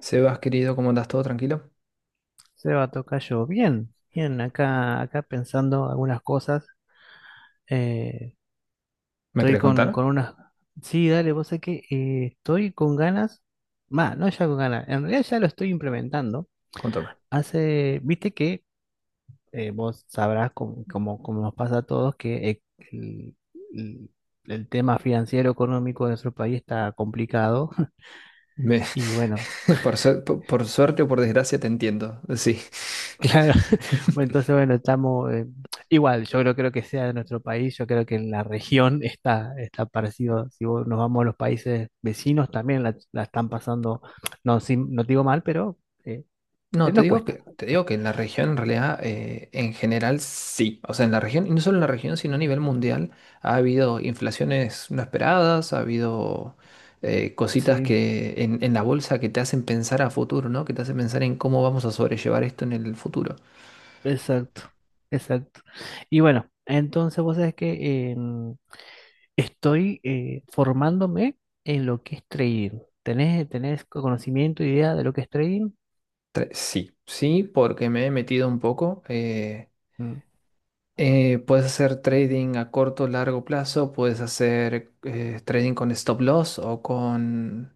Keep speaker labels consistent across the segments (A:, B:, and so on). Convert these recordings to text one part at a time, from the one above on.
A: Sebas, querido, ¿cómo andas? ¿Todo tranquilo?
B: Seba Tocayo, bien, bien, acá, acá pensando algunas cosas. eh,
A: ¿Me
B: Estoy
A: querés
B: con
A: contar?
B: unas. Sí, dale, vos sé que estoy con ganas. Va, no ya con ganas. En realidad ya lo estoy implementando.
A: Contame.
B: Hace, viste que vos sabrás, como nos pasa a todos, que el, el- el tema financiero económico de nuestro país está complicado.
A: Me-
B: Y bueno,
A: Por suerte o por desgracia te entiendo, sí.
B: claro, bueno, entonces bueno, estamos igual, yo creo que sea de nuestro país, yo creo que en la región está parecido, si vos- nos vamos a los países vecinos también la están pasando, no, sin- no digo mal, pero eh,
A: No,
B: nos cuesta.
A: te digo que en la región, en realidad, en general, sí. O sea, en la región, y no solo en la región, sino a nivel mundial, ha habido inflaciones no esperadas, ha habido cositas
B: Sí,
A: que en la bolsa que te hacen pensar a futuro, ¿no? Que te hacen pensar en cómo vamos a sobrellevar esto en el futuro.
B: exacto, exacto. Y bueno, entonces vos sabés que estoy formándome en lo que es trading. ¿Tenés, tenés conocimiento, idea de lo que es trading?
A: Sí, sí, porque me he metido un poco.
B: Mm.
A: Puedes hacer trading a corto o largo plazo, puedes hacer trading con stop loss o con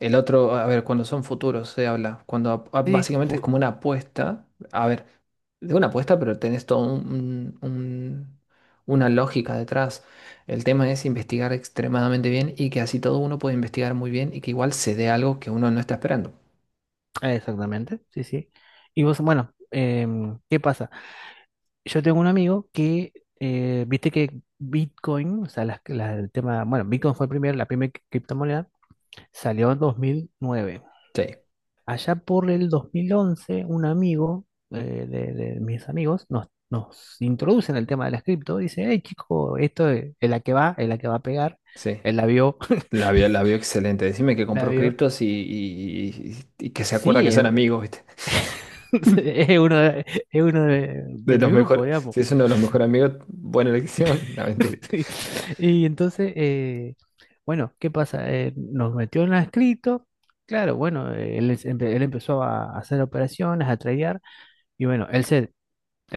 A: el otro. A ver, cuando son futuros se habla, cuando
B: Sí,
A: básicamente es
B: fu-
A: como una apuesta. A ver, de una apuesta, pero tenés todo una lógica detrás. El tema es investigar extremadamente bien y que así todo uno puede investigar muy bien y que igual se dé algo que uno no está esperando.
B: Exactamente, sí, sí. Y vos, bueno, ¿qué pasa? Yo tengo un amigo que viste que Bitcoin, o sea, las- la- el tema, bueno, Bitcoin fue el primer, la primera criptomoneda, salió en 2009.
A: Sí,
B: Allá por el 2011 un amigo de mis amigos nos introduce en el tema de las cripto, dice, hey chico, esto es la que va, es la que va a pegar,
A: sí.
B: él la vio,
A: La vio excelente. Decime que
B: la
A: compró
B: vio.
A: criptos y que se acuerda que
B: Sí, es,
A: son amigos, ¿viste?
B: es uno de, es uno de
A: De los
B: mi grupo,
A: mejores.
B: digamos.
A: Si es uno de los mejores amigos, buena elección. No, mentira.
B: Sí. Y entonces, bueno, ¿qué pasa? Nos metió en la escrito. Claro, bueno, él, es- empe- él empezó a hacer operaciones, a tradear. Y bueno, él se,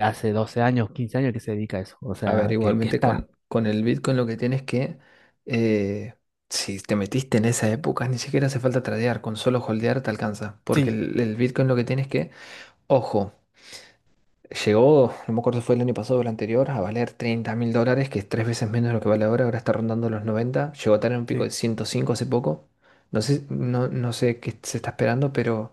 B: hace 12 años, 15 años que se dedica a eso. O
A: A ver,
B: sea, que
A: igualmente
B: está.
A: con el Bitcoin lo que tienes que. eh, si te metiste en esa época, ni siquiera hace falta tradear. Con solo holdear te alcanza. Porque
B: Sí,
A: el Bitcoin lo que tienes que. Ojo. Llegó, no me acuerdo si fue el año pasado o el anterior, a valer 30 mil dólares, que es tres veces menos de lo que vale ahora, ahora está rondando los 90. Llegó a tener un pico
B: sí.
A: de 105 hace poco. No sé, no, no sé qué se está esperando, pero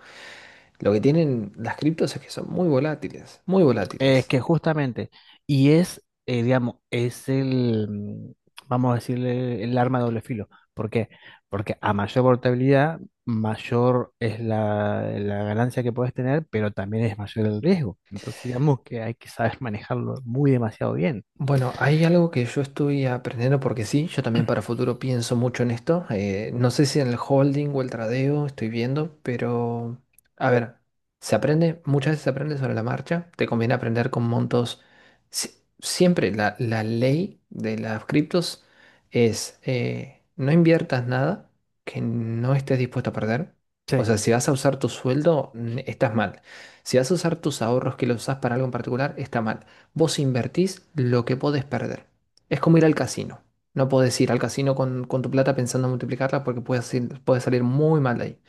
A: lo que tienen las criptos es que son muy volátiles, muy
B: Es
A: volátiles.
B: que justamente, y es, digamos, es el, vamos a decirle, el arma de doble filo. ¿Por qué? Porque a mayor portabilidad, mayor es la ganancia que puedes tener, pero también es mayor el riesgo. Entonces, digamos que hay que saber manejarlo muy demasiado bien.
A: Bueno, hay algo que yo estoy aprendiendo porque sí, yo también para futuro pienso mucho en esto. No sé si en el holding o el tradeo estoy viendo, pero a ver, se aprende, muchas veces se aprende sobre la marcha. Te conviene aprender con montos. si- Siempre la ley de las criptos es no inviertas nada que no estés dispuesto a perder. O
B: Sí,
A: sea, si vas a usar tu sueldo, estás mal. Si vas a usar tus ahorros que los usas para algo en particular, está mal. Vos invertís lo que podés perder. Es como ir al casino. No podés ir al casino con tu plata pensando en multiplicarla porque puede salir muy mal de ahí.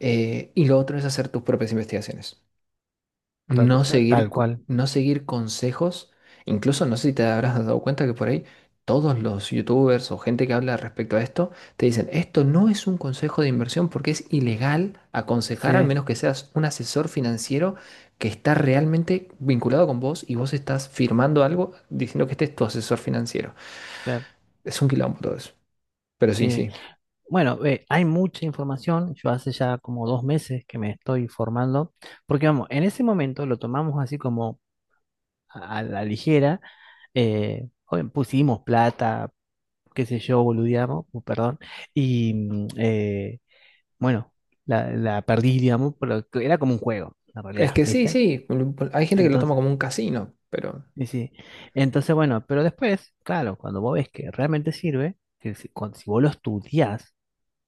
A: Y lo otro es hacer tus propias investigaciones,
B: tal, cu-
A: no
B: ta- tal
A: seguir,
B: cual.
A: no seguir consejos. Incluso no sé si te habrás dado cuenta que por ahí todos los youtubers o gente que habla respecto a esto te dicen, esto no es un consejo de inversión porque es ilegal aconsejar, al
B: Sí,
A: menos que seas un asesor financiero que está realmente vinculado con vos y vos estás firmando algo diciendo que este es tu asesor financiero.
B: claro.
A: Es un quilombo todo eso. Pero sí,
B: Sí.
A: sí.
B: Bueno, hay mucha información. Yo hace ya como 2 meses que me estoy formando, porque vamos, en ese momento lo tomamos así a la ligera. Eh, joven, pusimos plata, qué sé yo, boludeamos, perdón. Y bueno, la perdí, digamos, pero que era como un juego, en
A: Es
B: realidad,
A: que sí,
B: ¿viste?
A: sí. Hay gente que lo toma
B: Entonces,
A: como un casino, pero...
B: y sí. Entonces, bueno, pero después, claro, cuando vos ves que realmente sirve, que si, cuando- si vos lo estudiás,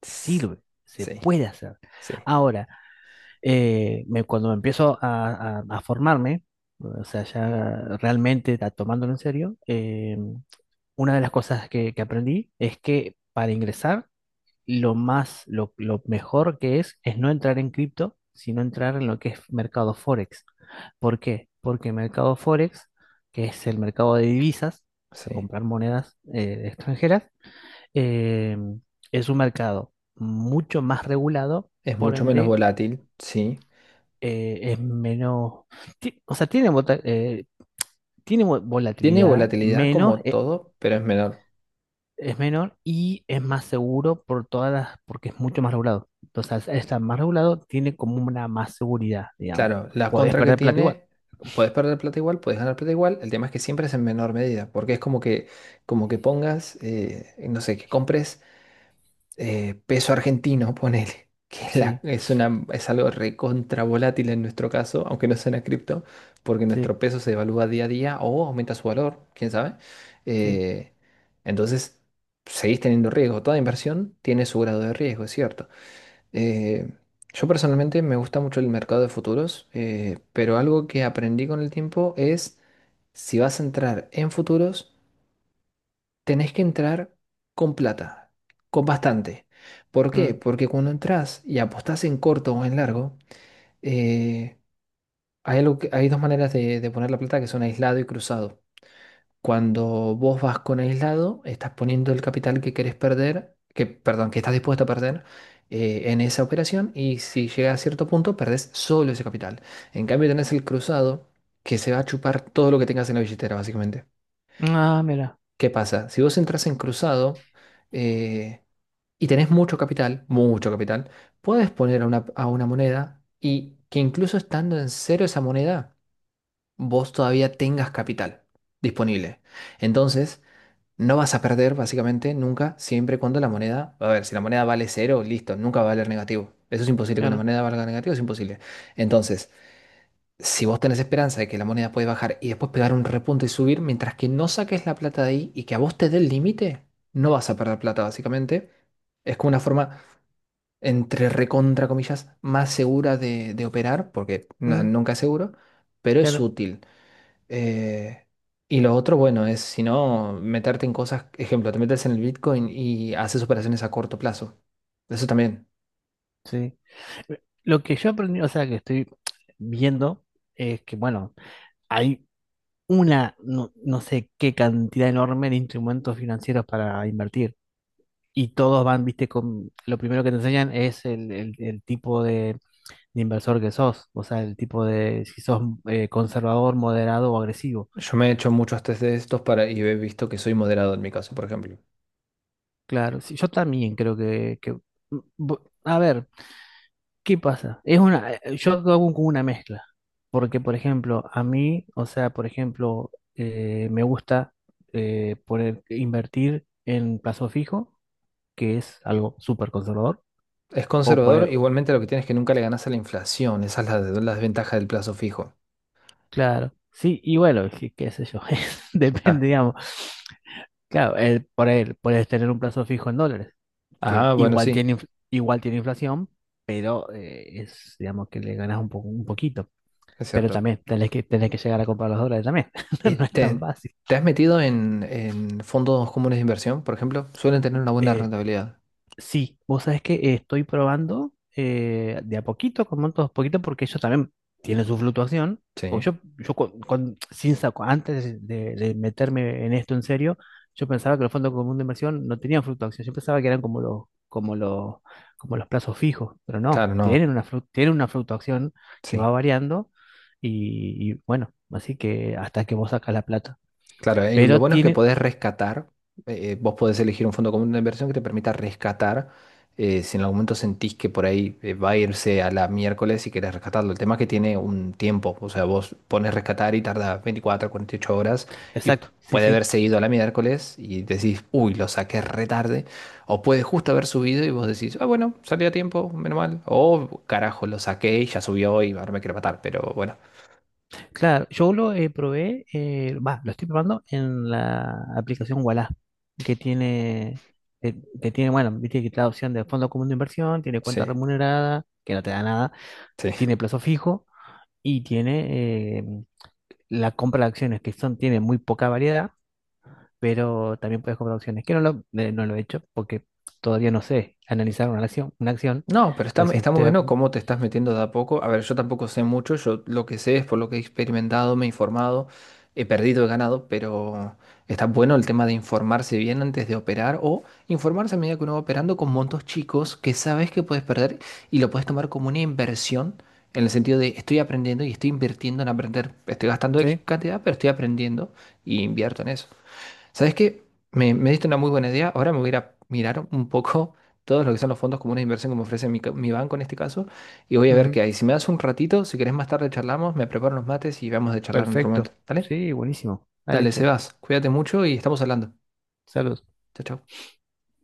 A: tss,
B: sirve. Se
A: sí,
B: puede hacer.
A: sí,
B: Ahora, me- cuando empiezo a formarme, o sea, ya realmente ta- tomándolo en serio, una de las cosas que aprendí es que para ingresar, lo más, lo mejor que es no entrar en cripto, sino entrar en lo que es mercado Forex. ¿Por qué? Porque mercado Forex, que es el mercado de divisas, o sea,
A: sí.
B: comprar monedas extranjeras, eh, es un mercado mucho más regulado,
A: Es
B: por
A: mucho menos
B: ende,
A: volátil, sí.
B: es menos, ti- o sea, tiene, vota- tiene vo-
A: Tiene
B: volatilidad
A: volatilidad
B: menos,
A: como todo, pero es menor.
B: es menor y es más seguro por todas las, porque es mucho más regulado. Entonces, al estar más regulado, tiene como una más seguridad, digamos.
A: Claro, la
B: Podés
A: contra que
B: perder plata igual.
A: tiene, puedes perder plata igual, puedes ganar plata igual. El tema es que siempre es en menor medida, porque es como que pongas, no sé, que compres peso argentino, ponele, que es,
B: Sí,
A: es una, es algo recontra volátil en nuestro caso, aunque no sea una cripto, porque
B: sí,
A: nuestro peso se devalúa día a día o aumenta su valor, quién sabe.
B: sí.
A: Eh, entonces, seguís teniendo riesgo. Toda inversión tiene su grado de riesgo, es cierto. Eh, yo personalmente me gusta mucho el mercado de futuros, pero algo que aprendí con el tiempo es si vas a entrar en futuros, tenés que entrar con plata, con bastante. ¿Por qué?
B: Mm.
A: Porque cuando entras y apostás en corto o en largo, eh, hay algo hay dos maneras de poner la plata que son aislado y cruzado. Cuando vos vas con aislado, estás poniendo el capital que querés perder, que, perdón, que estás dispuesto a perder en esa operación y si llega a cierto punto, perdés solo ese capital. En cambio, tenés el cruzado que se va a chupar todo lo que tengas en la billetera, básicamente.
B: Ah, mira,
A: ¿Qué pasa? Si vos entras en cruzado, eh, y tenés mucho capital, puedes poner a una moneda y que incluso estando en cero esa moneda, vos todavía tengas capital disponible. Entonces, no vas a perder básicamente nunca, siempre y cuando la moneda, a ver, si la moneda vale cero, listo, nunca va a valer negativo. Eso es imposible, que una
B: claro.
A: moneda valga negativo es imposible. Entonces, si vos tenés esperanza de que la moneda puede bajar y después pegar un repunte y subir, mientras que no saques la plata de ahí y que a vos te dé el límite, no vas a perder plata básicamente. Es como una forma entre recontra comillas, más segura de operar, porque
B: Mm,
A: nunca es seguro, pero es
B: claro,
A: útil. Eh, y lo otro, bueno, es si no, meterte en cosas, ejemplo, te metes en el Bitcoin y haces operaciones a corto plazo. Eso también.
B: sí. Lo que yo aprendí, o sea, que estoy viendo, es que, bueno, hay una, no, no sé qué cantidad enorme de instrumentos financieros para invertir. Y todos van, viste, con, lo primero que te enseñan es el tipo de inversor que sos, o sea, el tipo de si sos conservador, moderado o agresivo.
A: Yo me he hecho muchos test de estos para, y he visto que soy moderado en mi caso, por ejemplo.
B: Claro, sí, yo también creo que- mm, bu- a ver, ¿qué pasa? Es una, yo hago como una mezcla, porque por ejemplo, a mí, o sea, por ejemplo, me gusta poner, invertir en plazo fijo, que es algo súper conservador,
A: Es
B: o
A: conservador,
B: poner,
A: igualmente lo que tienes es que nunca le ganas a la inflación. Esa es la, la desventaja del plazo fijo.
B: claro, sí, y bueno, qué, qué sé yo, depende,
A: Ah,
B: digamos, claro, el, por él, puedes tener un plazo fijo en dólares. Que
A: ah, bueno,
B: igual
A: sí,
B: tiene, inf- igual tiene inflación, pero es, digamos que le ganas un poco, un poquito.
A: es
B: Pero
A: cierto.
B: también tenés que llegar a comprar los dólares también. No es tan
A: ¿Te,
B: fácil.
A: te has metido en fondos comunes de inversión, por ejemplo? Suelen tener una buena
B: Eh,
A: rentabilidad.
B: Sí, vos sabés que estoy probando de a poquito, con montos poquito, porque ellos también tienen su fluctuación. Porque
A: Sí,
B: yo con- sin saco, antes de meterme en esto en serio, yo pensaba que los fondos comunes de inversión no tenían fluctuación. Yo pensaba que eran como como los plazos fijos, pero no,
A: claro, no.
B: tienen una, flu- tienen una fluctuación que va
A: Sí.
B: variando y bueno, así que hasta que vos sacas la plata.
A: Claro, y lo
B: Pero
A: bueno es que
B: tiene,
A: podés rescatar, vos podés elegir un fondo común de inversión que te permita rescatar, si en algún momento sentís que por ahí va a irse a la miércoles y querés rescatarlo. El tema es que tiene un tiempo, o sea, vos pones rescatar y tarda 24, 48 horas y
B: exacto, sí,
A: puede
B: sí.
A: haberse ido a la miércoles y decís, uy, lo saqué re tarde, o puede justo haber subido y vos decís, ah, bueno, salió a tiempo, menos mal, o carajo, lo saqué y ya subió y ahora me quiero matar, pero bueno,
B: Claro, yo lo probé, va, lo estoy probando en la aplicación Ualá, que tiene, que, que tiene, bueno, viste que te da opción de fondo común de inversión, tiene cuenta
A: sí,
B: remunerada, que no te da nada,
A: sí.
B: tiene plazo fijo y tiene la compra de acciones, que son, tiene muy poca variedad, pero también puedes comprar acciones, que no lo, no lo he hecho porque todavía no sé analizar una acción,
A: No, pero está,
B: recién
A: está muy bueno
B: te-
A: cómo te estás metiendo de a poco. A ver, yo tampoco sé mucho, yo lo que sé es por lo que he experimentado, me he informado, he perdido, he ganado, pero está bueno el tema de informarse bien antes de operar o informarse a medida que uno va operando con montos chicos que sabes que puedes perder y lo puedes tomar como una inversión en el sentido de estoy aprendiendo y estoy invirtiendo en aprender. Estoy gastando X
B: Sí,
A: cantidad, pero estoy aprendiendo y invierto en eso. ¿Sabes qué? Me diste una muy buena idea. Ahora me voy a ir a mirar un poco todos lo que son los fondos comunes de inversión que me ofrece mi, mi banco en este caso. Y voy a ver
B: ujú,
A: qué hay. Si me das un ratito, si querés más tarde charlamos, me preparo unos mates y vamos a charlar en otro momento.
B: perfecto,
A: ¿Dale?
B: sí, buenísimo, dale,
A: Dale,
B: che,
A: Sebas. Cuídate mucho y estamos hablando.
B: saludos.
A: Chao, chao.